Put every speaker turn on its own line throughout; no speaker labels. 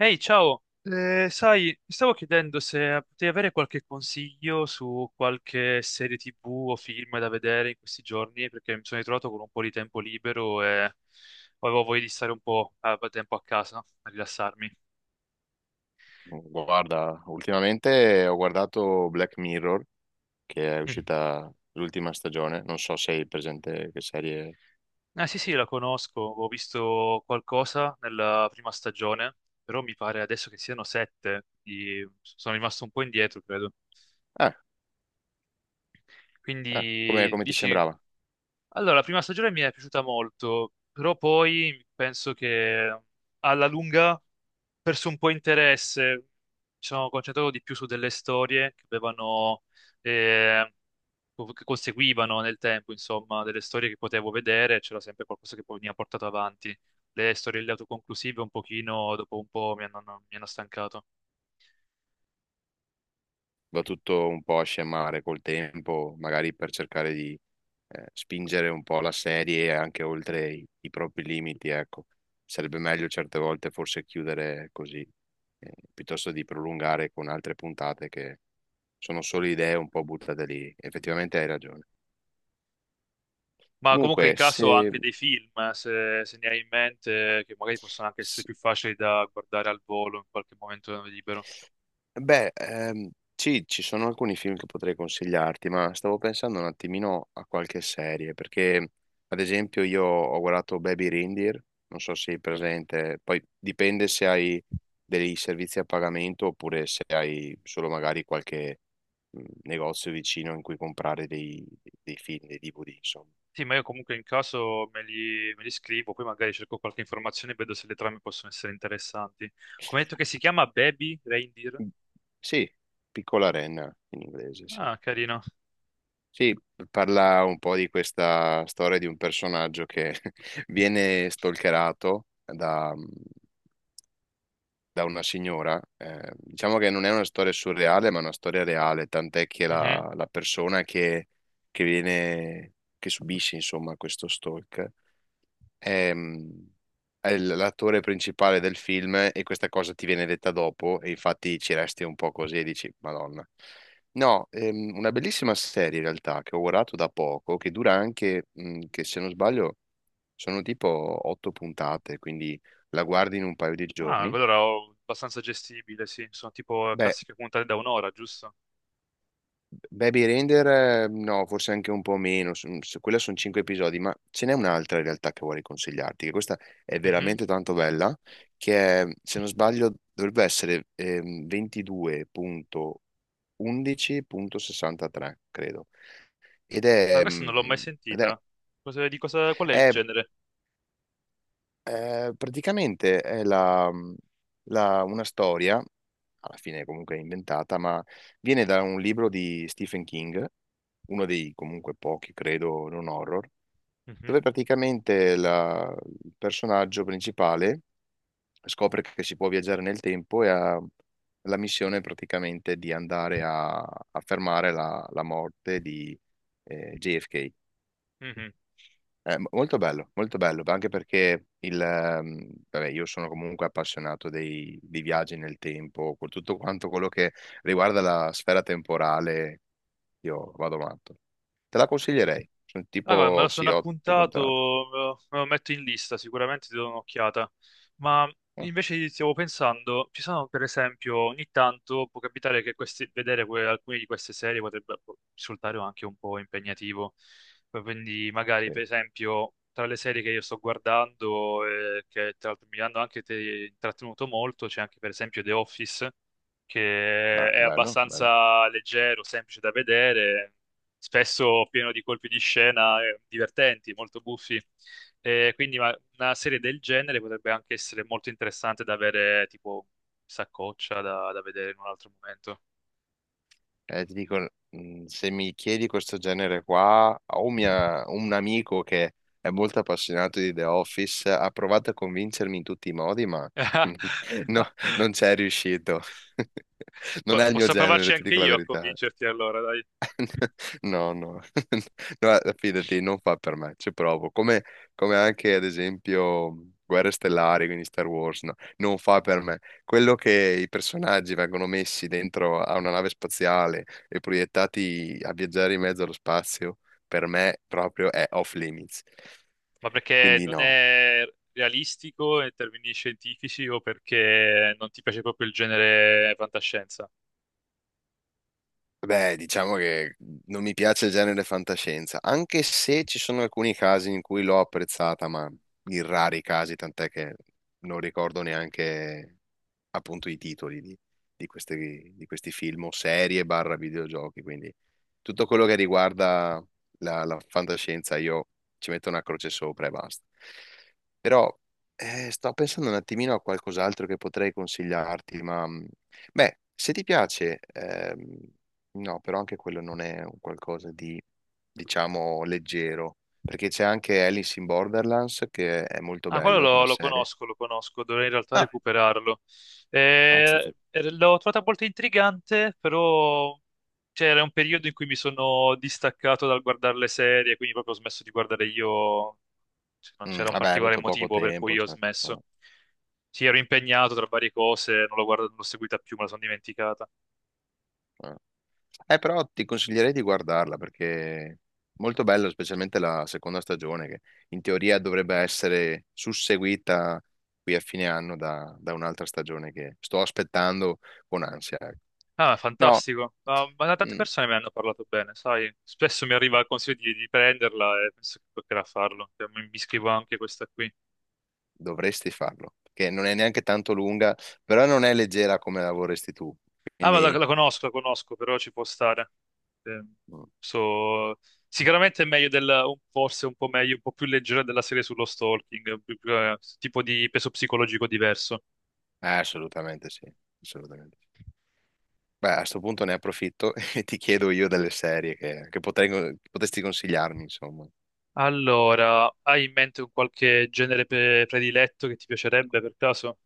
Ehi, ciao! Sai, mi stavo chiedendo se potevi avere qualche consiglio su qualche serie TV o film da vedere in questi giorni, perché mi sono ritrovato con un po' di tempo libero e avevo voglia di stare un po' a tempo a casa, no? A rilassarmi.
Guarda, ultimamente ho guardato Black Mirror, che è
Mm.
uscita l'ultima stagione. Non so se hai presente che serie.
Ah, sì, sì, la conosco, ho visto qualcosa nella prima stagione, però mi pare adesso che siano sette, quindi sono rimasto un po' indietro, credo.
Eh, eh, come,
Quindi
come ti
dici,
sembrava?
allora, la prima stagione mi è piaciuta molto, però poi penso che alla lunga ho perso un po' interesse. Mi sono concentrato di più su delle storie che avevano, eh, che conseguivano nel tempo, insomma, delle storie che potevo vedere, c'era sempre qualcosa che poi mi ha portato avanti. Le storie autoconclusive un pochino, dopo un po' mi hanno stancato.
Va tutto un po' a scemare col tempo, magari per cercare di spingere un po' la serie anche oltre i propri limiti, ecco. Sarebbe meglio certe volte forse chiudere così, piuttosto di prolungare con altre puntate che sono solo idee un po' buttate lì. Effettivamente hai ragione.
Ma comunque in
Comunque,
caso
se
anche dei film, se ne hai in mente, che magari possono anche essere
S-
più facili da guardare al volo in qualche momento libero.
Beh, sì, ci sono alcuni film che potrei consigliarti, ma stavo pensando un attimino a qualche serie, perché ad esempio io ho guardato Baby Reindeer, non so se è presente, poi dipende se hai dei servizi a pagamento oppure se hai solo magari qualche negozio vicino in cui comprare dei film, dei DVD, insomma.
Sì, ma io comunque in caso me li scrivo, poi magari cerco qualche informazione e vedo se le trame possono essere interessanti. Come hai detto che si chiama Baby Reindeer?
Sì, Piccola Renna in inglese, sì.
Ah, carino.
Sì, parla un po' di questa storia di un personaggio che viene stalkerato da una signora. Diciamo che non è una storia surreale, ma è una storia reale, tant'è che
Mhm.
la persona che viene, che subisce, insomma, questo stalk è, è l'attore principale del film e questa cosa ti viene detta dopo e infatti ci resti un po' così e dici, Madonna. No, una bellissima serie in realtà che ho guardato da poco, che dura anche, che se non sbaglio sono tipo 8 puntate, quindi la guardi in un paio di
Ah,
giorni.
allora ho abbastanza gestibile, sì. Sono tipo
Beh,
classiche puntate da un'ora, giusto?
Baby Render, no, forse anche un po' meno, quella sono 5 episodi, ma ce n'è un'altra in realtà che vorrei consigliarti, che questa è
Mhm.
veramente tanto bella, che è, se non sbaglio dovrebbe essere 22.11.63, credo. Ed
Ah,
è,
questa non l'ho
mm,
mai
ed
sentita. Di cosa, qual è il
è
genere?
Praticamente è una storia, alla fine comunque inventata, ma viene da un libro di Stephen King, uno dei comunque pochi, credo, non horror,
Mhm.
dove praticamente il personaggio principale scopre che si può viaggiare nel tempo e ha la missione praticamente di andare a fermare la morte di JFK.
Mhm.
Molto bello, molto bello, anche perché vabbè, io sono comunque appassionato dei viaggi nel tempo, con tutto quanto quello che riguarda la sfera temporale, io vado matto. Te la consiglierei, sono
Ah, guarda, me
tipo,
lo
sì,
sono
otto
appuntato,
puntate.
me lo metto in lista, sicuramente ti do un'occhiata. Ma
Ah,
invece stavo pensando, ci sono per esempio, ogni tanto può capitare che alcune di queste serie potrebbe, boh, risultare anche un po' impegnativo. Quindi magari,
sì.
per esempio, tra le serie che io sto guardando, e che tra l'altro mi hanno anche intrattenuto molto, c'è anche per esempio The Office,
Ah,
che è
bello, bello.
abbastanza leggero, semplice da vedere, spesso pieno di colpi di scena, divertenti, molto buffi. Quindi una serie del genere potrebbe anche essere molto interessante da avere tipo saccoccia da vedere in un altro momento.
Ti dico, se mi chiedi questo genere qua, ho un amico che è molto appassionato di The Office, ha provato a convincermi in tutti i modi, ma no, non c'è riuscito. Non è il mio
Posso
genere,
provarci
ti
anche
dico la
io a
verità.
convincerti allora, dai.
No, no, no, fidati, non fa per me, ci provo. Come anche ad esempio Guerre Stellari, quindi Star Wars, no, non fa per me. Quello che i personaggi vengono messi dentro a una nave spaziale e proiettati a viaggiare in mezzo allo spazio, per me proprio è off limits.
Ma perché
Quindi
non
no,
è realistico in termini scientifici o perché non ti piace proprio il genere fantascienza?
Beh, diciamo che non mi piace il genere fantascienza, anche se ci sono alcuni casi in cui l'ho apprezzata, ma in rari casi, tant'è che non ricordo neanche appunto i titoli di, di questi film o serie barra videogiochi, quindi tutto quello che riguarda la fantascienza io ci metto una croce sopra e basta. Però sto pensando un attimino a qualcos'altro che potrei consigliarti, ma beh, se ti piace, no, però anche quello non è un qualcosa di, diciamo, leggero, perché c'è anche Alice in Borderlands che è molto
Ah, quello
bello
lo,
come
lo
serie.
conosco, lo conosco, dovrei in realtà
Ah,
recuperarlo.
ah, sì, sì.
L'ho trovata molto intrigante, però c'era un periodo in cui mi sono distaccato dal guardare le serie, quindi proprio ho smesso di guardare io, cioè, non
Mm,
c'era un
vabbè, hai
particolare
avuto poco
motivo per
tempo,
cui ho
cioè,
smesso.
no,
Sì, ero impegnato tra varie cose, non l'ho seguita più, me la sono dimenticata.
no. Però ti consiglierei di guardarla perché è molto bello, specialmente la seconda stagione, che in teoria dovrebbe essere susseguita qui a fine anno da un'altra stagione che sto aspettando con ansia. Ecco.
Ah,
No,
fantastico. Ma tante
mm,
persone me ne hanno parlato bene, sai? Spesso mi arriva il consiglio di prenderla e penso che toccherà farlo. Cioè, mi iscrivo anche a questa qui.
dovresti farlo, perché non è neanche tanto lunga, però non è leggera come la vorresti tu,
Ah, ma la,
quindi
la conosco, la conosco, però ci può stare. Eh,
mm,
so- Sicuramente è meglio del, forse un po' meglio, un po' più leggera della serie sullo stalking, più, tipo di peso psicologico diverso.
assolutamente sì, assolutamente sì. Beh, a sto punto ne approfitto e ti chiedo io delle serie che potresti consigliarmi, insomma.
Allora, hai in mente un qualche genere prediletto che ti piacerebbe per caso?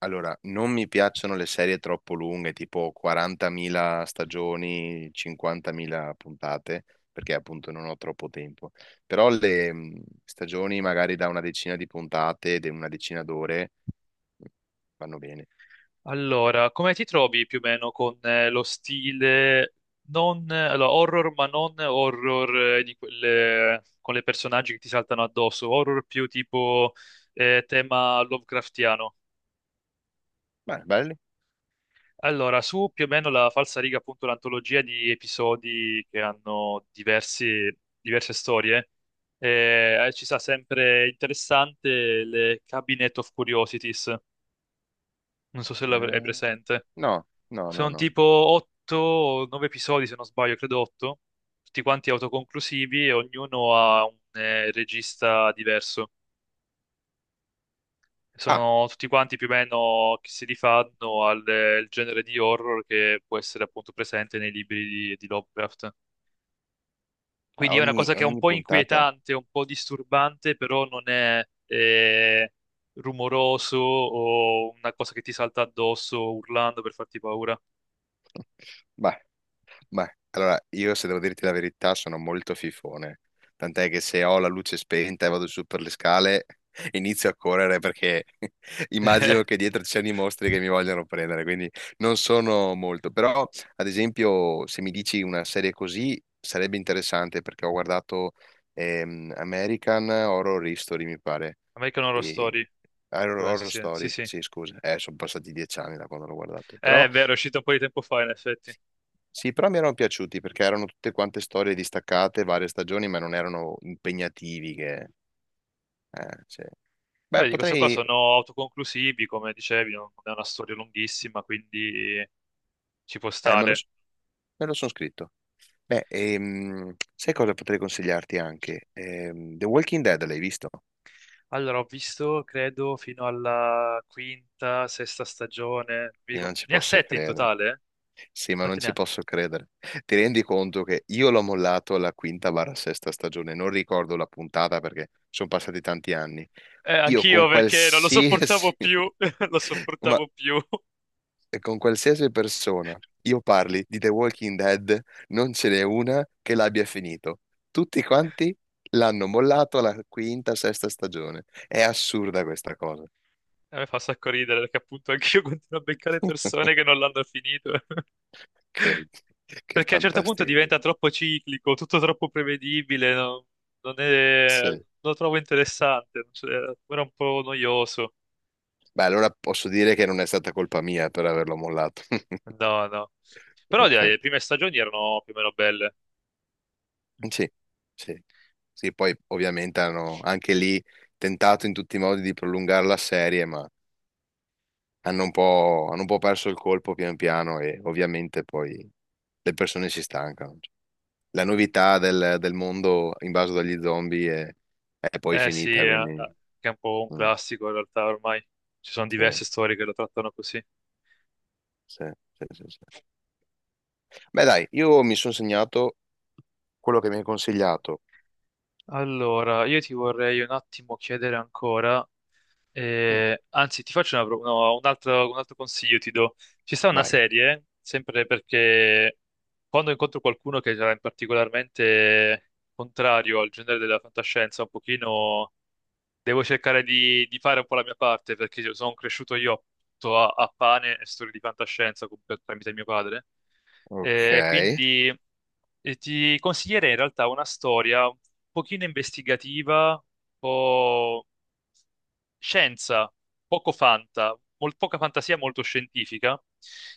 Allora, non mi piacciono le serie troppo lunghe, tipo 40.000 stagioni, 50.000 puntate, perché appunto non ho troppo tempo. Però le stagioni magari da una decina di puntate, di una decina d'ore, mh, vanno bene.
Allora, come ti trovi più o meno con, lo stile non, allora, horror, ma non horror, di quelle, con le personaggi che ti saltano addosso, horror più tipo, tema Lovecraftiano.
Beh, belli?
Allora, su più o meno la falsariga, appunto, l'antologia di episodi che hanno diverse storie, ci sta sempre interessante le Cabinet of Curiosities. Non so se l'hai
Eh,
presente.
No, no, no,
Sono
no.
tipo 8 o 9 episodi, se non sbaglio, credo 8, tutti quanti autoconclusivi e ognuno ha un, regista diverso.
Ah,
Sono tutti quanti più o meno che si rifanno al, il genere di horror che può essere appunto presente nei libri di Lovecraft.
a
Quindi è una
ogni,
cosa che è un
ogni
po'
puntata?
inquietante, un po' disturbante, però non è, rumoroso o una cosa che ti salta addosso urlando per farti paura.
Bah, Beh, allora io se devo dirti la verità sono molto fifone, tant'è che se ho la luce spenta e vado su per le scale inizio a correre perché immagino che dietro ci siano i mostri che mi vogliono prendere, quindi non sono molto, però ad esempio se mi dici una serie così sarebbe interessante perché ho guardato American Horror History mi pare,
American Horror
e...
Story.
Horror
Penso
Horror
sì, sì,
Story,
sì.
sì scusa, sono passati 10 anni da quando l'ho guardato, però...
È vero, è uscito un po' di tempo fa, in effetti.
Sì, però mi erano piaciuti perché erano tutte quante storie distaccate, varie stagioni, ma non erano impegnativi. Che... Sì. Beh,
Vabbè, di questo qua
potrei...
sono autoconclusivi, come dicevi, non è una storia lunghissima, quindi ci può
Me lo,
stare.
sono scritto. Beh, sai cosa potrei consigliarti anche? The Walking Dead l'hai visto?
Allora, ho visto, credo, fino alla quinta, sesta stagione.
Io non ci
Ne ha
posso
sette in
credere.
totale?
Sì, ma non
Quanti ne
ci
ha?
posso credere. Ti rendi conto che io l'ho mollato alla quinta barra sesta stagione, non ricordo la puntata perché sono passati tanti anni. Io
Anch'io
con
perché non lo
qualsiasi...
sopportavo più, lo
Ma
sopportavo più.
e con qualsiasi persona io parli di The Walking Dead, non ce n'è una che l'abbia finito. Tutti quanti l'hanno mollato alla quinta, sesta stagione. È assurda questa cosa.
A me fa un sacco ridere perché appunto anch'io continuo a beccare persone che non l'hanno finito.
Che, che
Perché a un certo punto
fantastico.
diventa troppo ciclico, tutto troppo prevedibile, no? Non è, non
Sì.
lo trovo interessante, cioè, era un po' noioso.
Beh, allora posso dire che non è stata colpa mia per averlo mollato.
No, no. Però dai,
Ok.
le prime stagioni erano più o meno belle.
Sì, sì. Sì, poi ovviamente hanno anche lì tentato in tutti i modi di prolungare la serie, ma hanno un po' perso il colpo pian piano e ovviamente poi le persone si stancano. La novità del mondo invaso dagli zombie è poi
Eh, sì,
finita, quindi...
che è un po' un
Mm,
classico in realtà ormai. Ci sono
sì,
diverse storie che lo trattano così.
sì, sì, sì, sì. Beh dai, io mi sono segnato quello che mi hai consigliato.
Allora, io ti vorrei un attimo chiedere ancora,
Mm,
eh, anzi, ti faccio una no, un altro consiglio, ti do. Ci sta una
vai.
serie, sempre perché quando incontro qualcuno che è particolarmente contrario al genere della fantascienza, un pochino devo cercare di fare un po' la mia parte, perché io sono cresciuto io tutto a, a pane e storie di fantascienza tramite mio padre.
Ok,
Eh, quindi, ti consiglierei in realtà una storia un pochino investigativa, un po' scienza, poco fanta, poca fantasia, molto scientifica,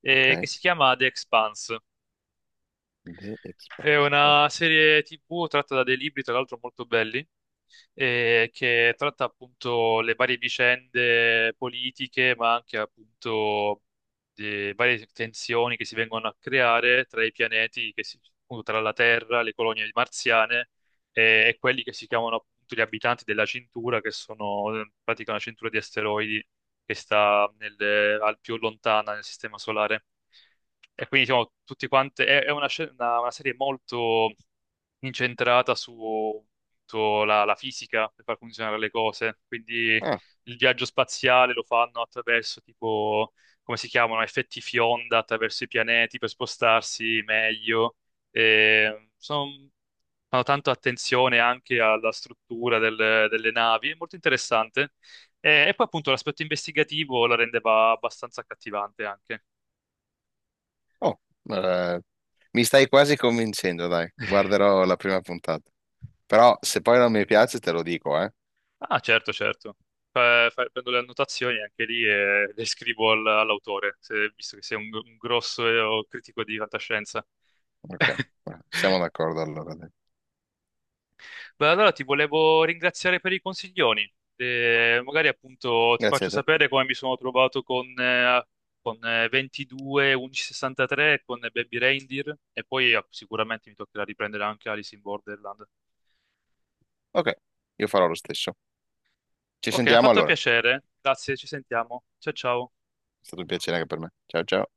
che
ok.
si chiama The Expanse.
The
È
Expanse. Ok.
una serie TV tratta da dei libri, tra l'altro molto belli, che tratta appunto le varie vicende politiche, ma anche appunto le varie tensioni che si vengono a creare tra i pianeti, appunto, tra la Terra, le colonie marziane e quelli che si chiamano appunto gli abitanti della cintura, che sono, in pratica una cintura di asteroidi che sta al più lontana nel sistema solare. E quindi diciamo, tutti quanti, è una, una serie molto incentrata su, sulla la fisica per far funzionare le cose, quindi
Ah,
il viaggio spaziale lo fanno attraverso, tipo, come si chiamano, effetti fionda attraverso i pianeti per spostarsi meglio. E sono, fanno tanto attenzione anche alla struttura delle navi, è molto interessante. E poi appunto l'aspetto investigativo la rendeva abbastanza accattivante anche.
oh, eh, mi stai quasi convincendo, dai. Guarderò la prima puntata. Però se poi non mi piace te lo dico, eh.
Ah, certo, certo. Prendo le annotazioni anche lì e le scrivo all'autore, visto che sei un grosso, critico di fantascienza.
Ok, siamo d'accordo allora. Dai.
Beh, allora ti volevo ringraziare per i consiglioni. Magari appunto ti
Grazie
faccio
a te.
sapere come mi sono trovato con, con, 22, 1163, con Baby Reindeer e poi, ah, sicuramente mi toccherà riprendere anche Alice in Borderland.
Ok, io farò lo stesso. Ci
Ok, mi ha
sentiamo
fatto
allora.
piacere. Grazie, ci sentiamo. Ciao, ciao.
È stato un piacere anche per me. Ciao ciao.